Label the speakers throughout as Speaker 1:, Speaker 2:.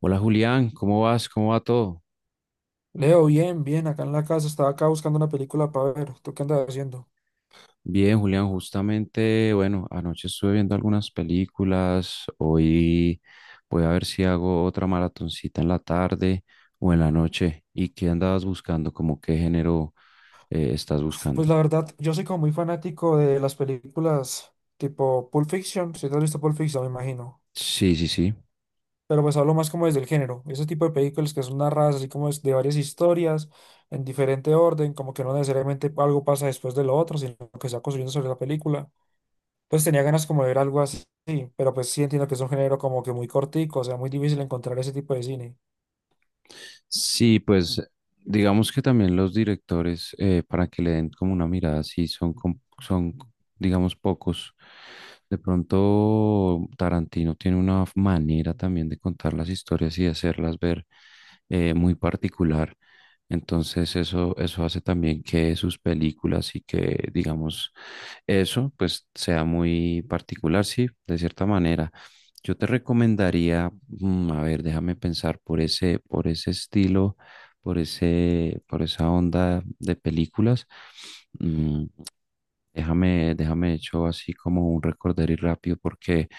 Speaker 1: Hola Julián, ¿cómo vas? ¿Cómo va todo?
Speaker 2: Leo, bien, bien, acá en la casa, estaba acá buscando una película para ver, ¿tú qué andas haciendo?
Speaker 1: Bien, Julián, justamente, bueno, anoche estuve viendo algunas películas, hoy voy a ver si hago otra maratoncita en la tarde o en la noche. ¿Y qué andabas buscando? ¿Cómo qué género estás
Speaker 2: Pues
Speaker 1: buscando?
Speaker 2: la verdad, yo soy como muy fanático de las películas tipo Pulp Fiction, si te has visto Pulp Fiction, me imagino,
Speaker 1: Sí, sí, sí.
Speaker 2: pero pues hablo más como desde el género, ese tipo de películas que son narradas así como es de varias historias, en diferente orden, como que no necesariamente algo pasa después de lo otro, sino que se va construyendo sobre la película. Entonces tenía ganas como de ver algo así, pero pues sí entiendo que es un género como que muy cortico, o sea, muy difícil encontrar ese tipo de cine.
Speaker 1: Sí, pues digamos que también los directores, para que le den como una mirada, sí, son, son, digamos, pocos. De pronto Tarantino tiene una manera también de contar las historias y de hacerlas ver muy particular. Entonces eso hace también que sus películas y que, digamos, eso pues sea muy particular, sí, de cierta manera. Yo te recomendaría, a ver, déjame pensar por ese estilo, por ese, por esa onda de películas. Mm, déjame hecho así como un recorderis rápido porque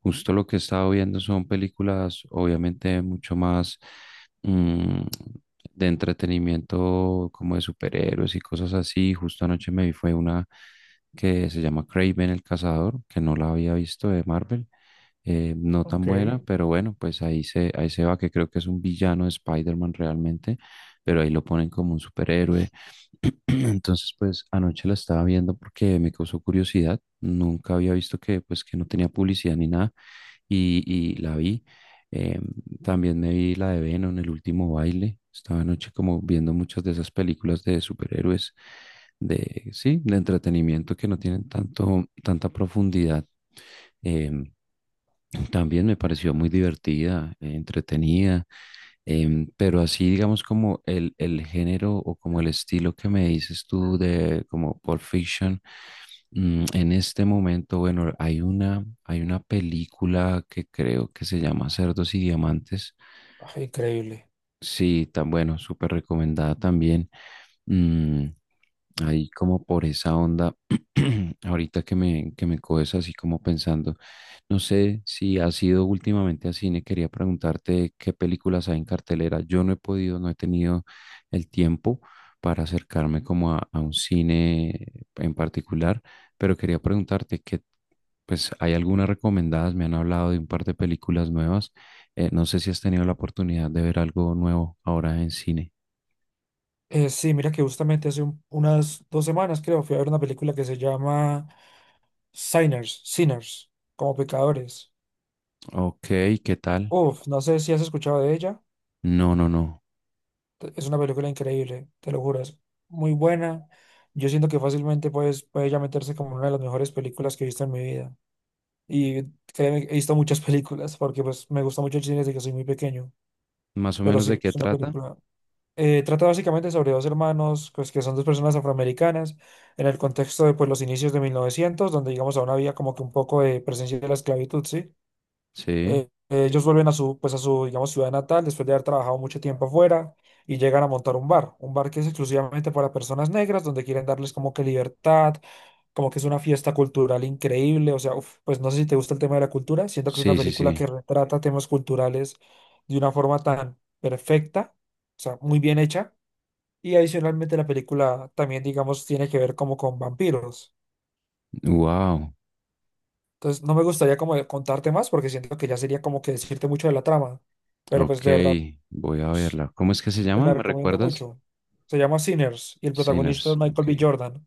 Speaker 1: justo lo que he estado viendo son películas obviamente mucho más mm, de entretenimiento como de superhéroes y cosas así. Justo anoche me vi fue una que se llama Kraven el Cazador, que no la había visto de Marvel. No tan
Speaker 2: Ok.
Speaker 1: buena,
Speaker 2: Ay,
Speaker 1: pero bueno, pues ahí se va, que creo que es un villano de Spider-Man realmente, pero ahí lo ponen como un superhéroe. Entonces, pues anoche la estaba viendo porque me causó curiosidad. Nunca había visto que, pues, que no tenía publicidad ni nada y la vi. Em, También me vi la de Venom, El último baile. Estaba anoche como viendo muchas de esas películas de superhéroes, de, sí, de entretenimiento que no tienen tanto, tanta profundidad. Em, También me pareció muy divertida, entretenida. Pero así, digamos, como el género o como el estilo que me dices tú de como Pulp Fiction, en este momento, bueno, hay una película que creo que se llama Cerdos y Diamantes.
Speaker 2: increíble.
Speaker 1: Sí, tan bueno, súper recomendada también. Mm, Ahí como por esa onda, ahorita que me coges así como pensando, no sé si has ido últimamente a cine, quería preguntarte qué películas hay en cartelera. Yo no he podido, no he tenido el tiempo para acercarme como a un cine en particular, pero quería preguntarte que, pues, ¿hay algunas recomendadas? Me han hablado de un par de películas nuevas. No sé si has tenido la oportunidad de ver algo nuevo ahora en cine.
Speaker 2: Sí, mira que justamente hace unas dos semanas, creo, fui a ver una película que se llama Sinners, Sinners, como pecadores.
Speaker 1: Ok, ¿qué tal?
Speaker 2: Uf, no sé si has escuchado de ella.
Speaker 1: No, no, no.
Speaker 2: Es una película increíble, te lo juro, es muy buena. Yo siento que fácilmente pues, puede ya meterse como una de las mejores películas que he visto en mi vida. Y créeme, he visto muchas películas porque pues me gusta mucho el cine desde que soy muy pequeño.
Speaker 1: ¿Más o
Speaker 2: Pero
Speaker 1: menos de
Speaker 2: sí,
Speaker 1: qué
Speaker 2: es una
Speaker 1: trata?
Speaker 2: película. Trata básicamente sobre dos hermanos, pues que son dos personas afroamericanas, en el contexto de pues, los inicios de 1900, donde digamos aún había como que un poco de presencia de la esclavitud, ¿sí?
Speaker 1: Sí,
Speaker 2: Ellos vuelven a su, pues a su, digamos, ciudad natal después de haber trabajado mucho tiempo afuera y llegan a montar un bar que es exclusivamente para personas negras, donde quieren darles como que libertad, como que es una fiesta cultural increíble, o sea, uf, pues no sé si te gusta el tema de la cultura, siento que es una
Speaker 1: sí, sí,
Speaker 2: película
Speaker 1: sí.
Speaker 2: que retrata temas culturales de una forma tan perfecta, o sea, muy bien hecha y adicionalmente la película también, digamos, tiene que ver como con vampiros.
Speaker 1: Wow.
Speaker 2: Entonces no me gustaría como de contarte más porque siento que ya sería como que decirte mucho de la trama. Pero
Speaker 1: Ok,
Speaker 2: pues de verdad,
Speaker 1: voy a
Speaker 2: pues,
Speaker 1: verla. ¿Cómo es que se
Speaker 2: te
Speaker 1: llama?
Speaker 2: la
Speaker 1: ¿Me
Speaker 2: recomiendo
Speaker 1: recuerdas?
Speaker 2: mucho. Se llama Sinners y el protagonista es
Speaker 1: Sinners. Ok.
Speaker 2: Michael B. Jordan.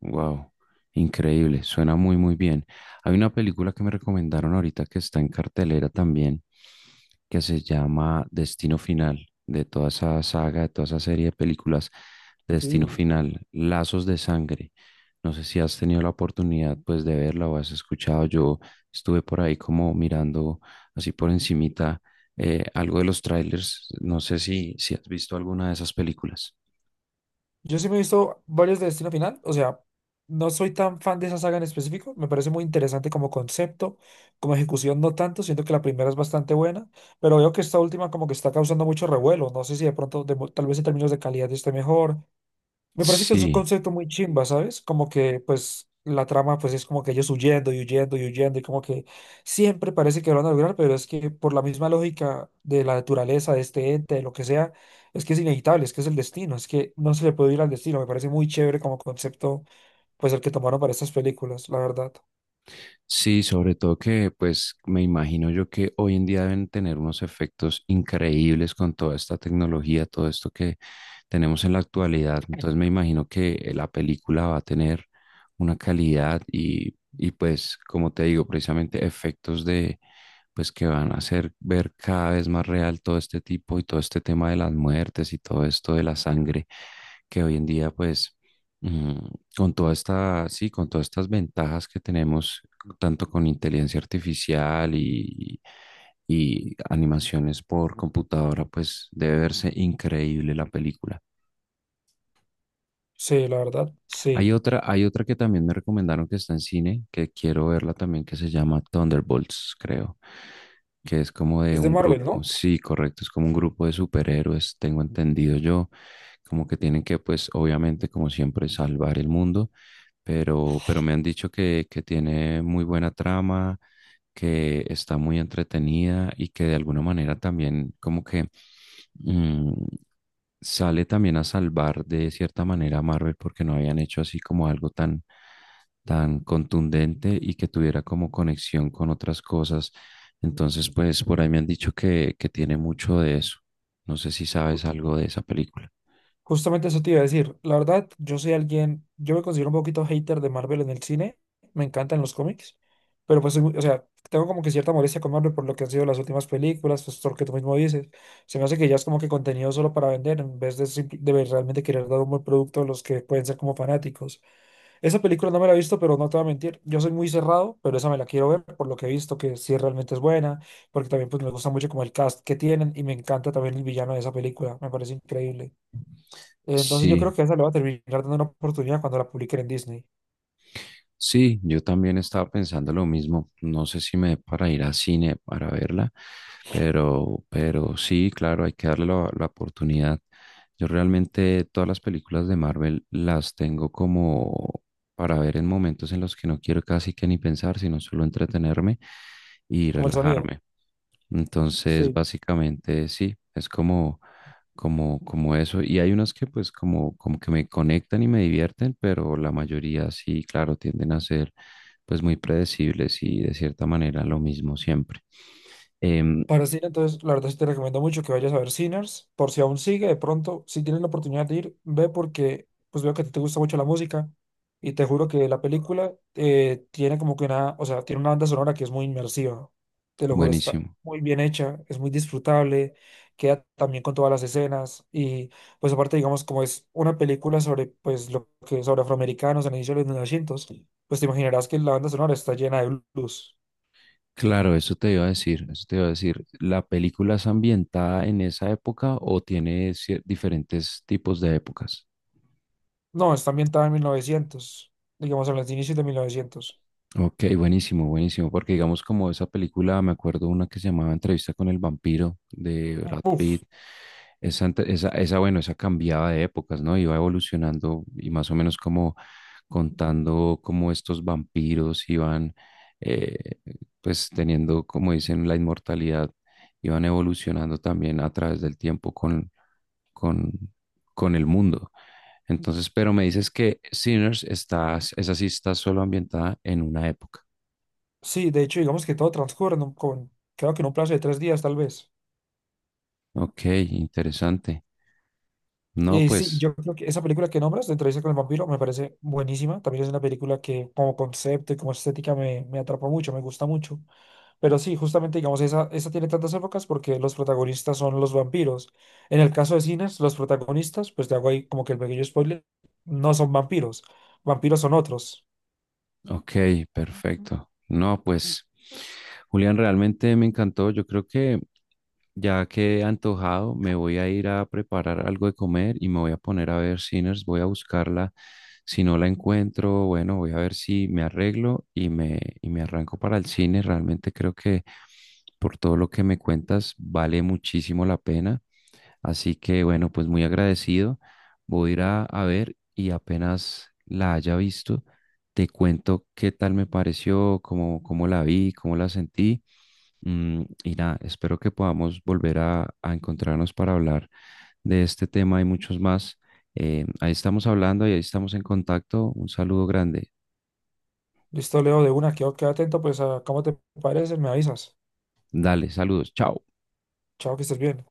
Speaker 1: Wow, increíble, suena muy muy bien. Hay una película que me recomendaron ahorita que está en cartelera también, que se llama Destino Final, de toda esa saga, de toda esa serie de películas de Destino
Speaker 2: Sí.
Speaker 1: Final, Lazos de Sangre. No sé si has tenido la oportunidad pues de verla o has escuchado. Yo estuve por ahí como mirando así por encimita, algo de los trailers. No sé si, si has visto alguna de esas películas.
Speaker 2: Yo sí me he visto varios de Destino Final. O sea, no soy tan fan de esa saga en específico. Me parece muy interesante como concepto, como ejecución no tanto. Siento que la primera es bastante buena. Pero veo que esta última como que está causando mucho revuelo. No sé si de pronto, tal vez en términos de calidad esté mejor. Me parece que es un
Speaker 1: Sí.
Speaker 2: concepto muy chimba, ¿sabes? Como que, pues, la trama, pues, es como que ellos huyendo y huyendo y huyendo y como que siempre parece que lo van a lograr, pero es que por la misma lógica de la naturaleza, de este ente, de lo que sea, es que es inevitable, es que es el destino, es que no se le puede ir al destino. Me parece muy chévere como concepto, pues, el que tomaron para estas películas, la verdad.
Speaker 1: Sí, sobre todo que pues me imagino yo que hoy en día deben tener unos efectos increíbles con toda esta tecnología, todo esto que tenemos en la actualidad. Entonces me imagino que la película va a tener una calidad y pues como te digo, precisamente efectos de pues que van a hacer ver cada vez más real todo este tipo y todo este tema de las muertes y todo esto de la sangre que hoy en día pues Mm, con toda esta, sí, con todas estas ventajas que tenemos, tanto con inteligencia artificial y animaciones por computadora, pues debe verse increíble la película.
Speaker 2: Sí, la verdad, sí.
Speaker 1: Hay otra que también me recomendaron que está en cine, que quiero verla también, que se llama Thunderbolts, creo, que es como de
Speaker 2: ¿Es de
Speaker 1: un
Speaker 2: Marvel,
Speaker 1: grupo,
Speaker 2: no?
Speaker 1: sí, correcto, es como un grupo de superhéroes, tengo entendido yo, como que tienen que, pues, obviamente, como siempre, salvar el mundo, pero me han dicho que tiene muy buena trama, que está muy entretenida y que de alguna manera también como que mm, sale también a salvar de cierta manera a Marvel porque no habían hecho así como algo tan, tan contundente y que tuviera como conexión con otras cosas. Entonces, pues por ahí me han dicho que tiene mucho de eso. No sé si sabes algo de esa película.
Speaker 2: Justamente eso te iba a decir. La verdad, yo soy alguien, yo me considero un poquito hater de Marvel en el cine. Me encantan los cómics, pero pues, soy o sea, tengo como que cierta molestia con Marvel por lo que han sido las últimas películas, pues lo que tú mismo dices. Se me hace que ya es como que contenido solo para vender en vez de, realmente querer dar un buen producto a los que pueden ser como fanáticos. Esa película no me la he visto, pero no te voy a mentir. Yo soy muy cerrado, pero esa me la quiero ver por lo que he visto, que sí realmente es buena, porque también pues me gusta mucho como el cast que tienen y me encanta también el villano de esa película. Me parece increíble. Entonces yo
Speaker 1: Sí.
Speaker 2: creo que esa le va a terminar dando una oportunidad cuando la publiquen en Disney,
Speaker 1: Sí, yo también estaba pensando lo mismo. No sé si me dé para ir a cine para verla, pero sí, claro, hay que darle la, la oportunidad. Yo realmente todas las películas de Marvel las tengo como para ver en momentos en los que no quiero casi que ni pensar, sino solo entretenerme y
Speaker 2: como el sonido.
Speaker 1: relajarme. Entonces,
Speaker 2: Sí.
Speaker 1: básicamente sí, es como, como, como eso. Y hay unas que pues como, como que me conectan y me divierten, pero la mayoría sí, claro, tienden a ser pues muy predecibles y de cierta manera lo mismo siempre. Em,
Speaker 2: Para cine, entonces, la verdad sí te recomiendo mucho que vayas a ver Sinners, por si aún sigue, de pronto, si tienes la oportunidad de ir, ve porque pues veo que a ti te gusta mucho la música y te juro que la película tiene como que una, o sea, tiene una banda sonora que es muy inmersiva, te lo juro, está
Speaker 1: Buenísimo.
Speaker 2: muy bien hecha, es muy disfrutable, queda también con todas las escenas y pues aparte, digamos, como es una película sobre pues lo que sobre afroamericanos en el inicio de los 1900, pues te imaginarás que la banda sonora está llena de blues.
Speaker 1: Claro, eso te iba a decir, eso te iba a decir. ¿La película es ambientada en esa época o tiene diferentes tipos de épocas?
Speaker 2: No, está ambientada en mil novecientos, digamos, en los inicios de 1900.
Speaker 1: Ok, buenísimo, buenísimo, porque digamos como esa película, me acuerdo una que se llamaba Entrevista con el vampiro de Brad
Speaker 2: Uf,
Speaker 1: Pitt, esa, esa, esa, bueno, esa cambiaba de épocas, ¿no? Iba evolucionando y más o menos como contando cómo estos vampiros iban, eh, pues teniendo, como dicen, la inmortalidad, iban evolucionando también a través del tiempo con, con el mundo. Entonces, pero me dices que Sinners está, esa sí está solo ambientada en una época.
Speaker 2: sí, de hecho, digamos que todo transcurre en creo que en un plazo de tres días, tal vez.
Speaker 1: Ok, interesante. No,
Speaker 2: Y sí,
Speaker 1: pues
Speaker 2: yo creo que esa película que nombras, de Entrevista con el Vampiro, me parece buenísima. También es una película que como concepto y como estética me atrapa mucho, me gusta mucho. Pero sí, justamente, digamos, esa tiene tantas épocas porque los protagonistas son los vampiros. En el caso de cines, los protagonistas, pues te hago ahí como que el pequeño spoiler, no son vampiros. Vampiros son otros.
Speaker 1: Ok, perfecto. No, pues, Julián, realmente me encantó. Yo creo que ya que he antojado, me voy a ir a preparar algo de comer y me voy a poner a ver Sinners. Voy a buscarla. Si no la encuentro, bueno, voy a ver si me arreglo y me arranco para el cine. Realmente creo que por todo lo que me cuentas, vale muchísimo la pena. Así que bueno, pues muy agradecido. Voy a ir a ver y apenas la haya visto, te cuento qué tal me pareció, cómo, cómo la vi, cómo la sentí. Y nada, espero que podamos volver a encontrarnos para hablar de este tema y muchos más. Ahí estamos hablando y ahí estamos en contacto. Un saludo grande.
Speaker 2: Listo, Leo, de una, queda atento, pues a cómo te parece, me avisas.
Speaker 1: Dale, saludos. Chao.
Speaker 2: Chao, que estés bien.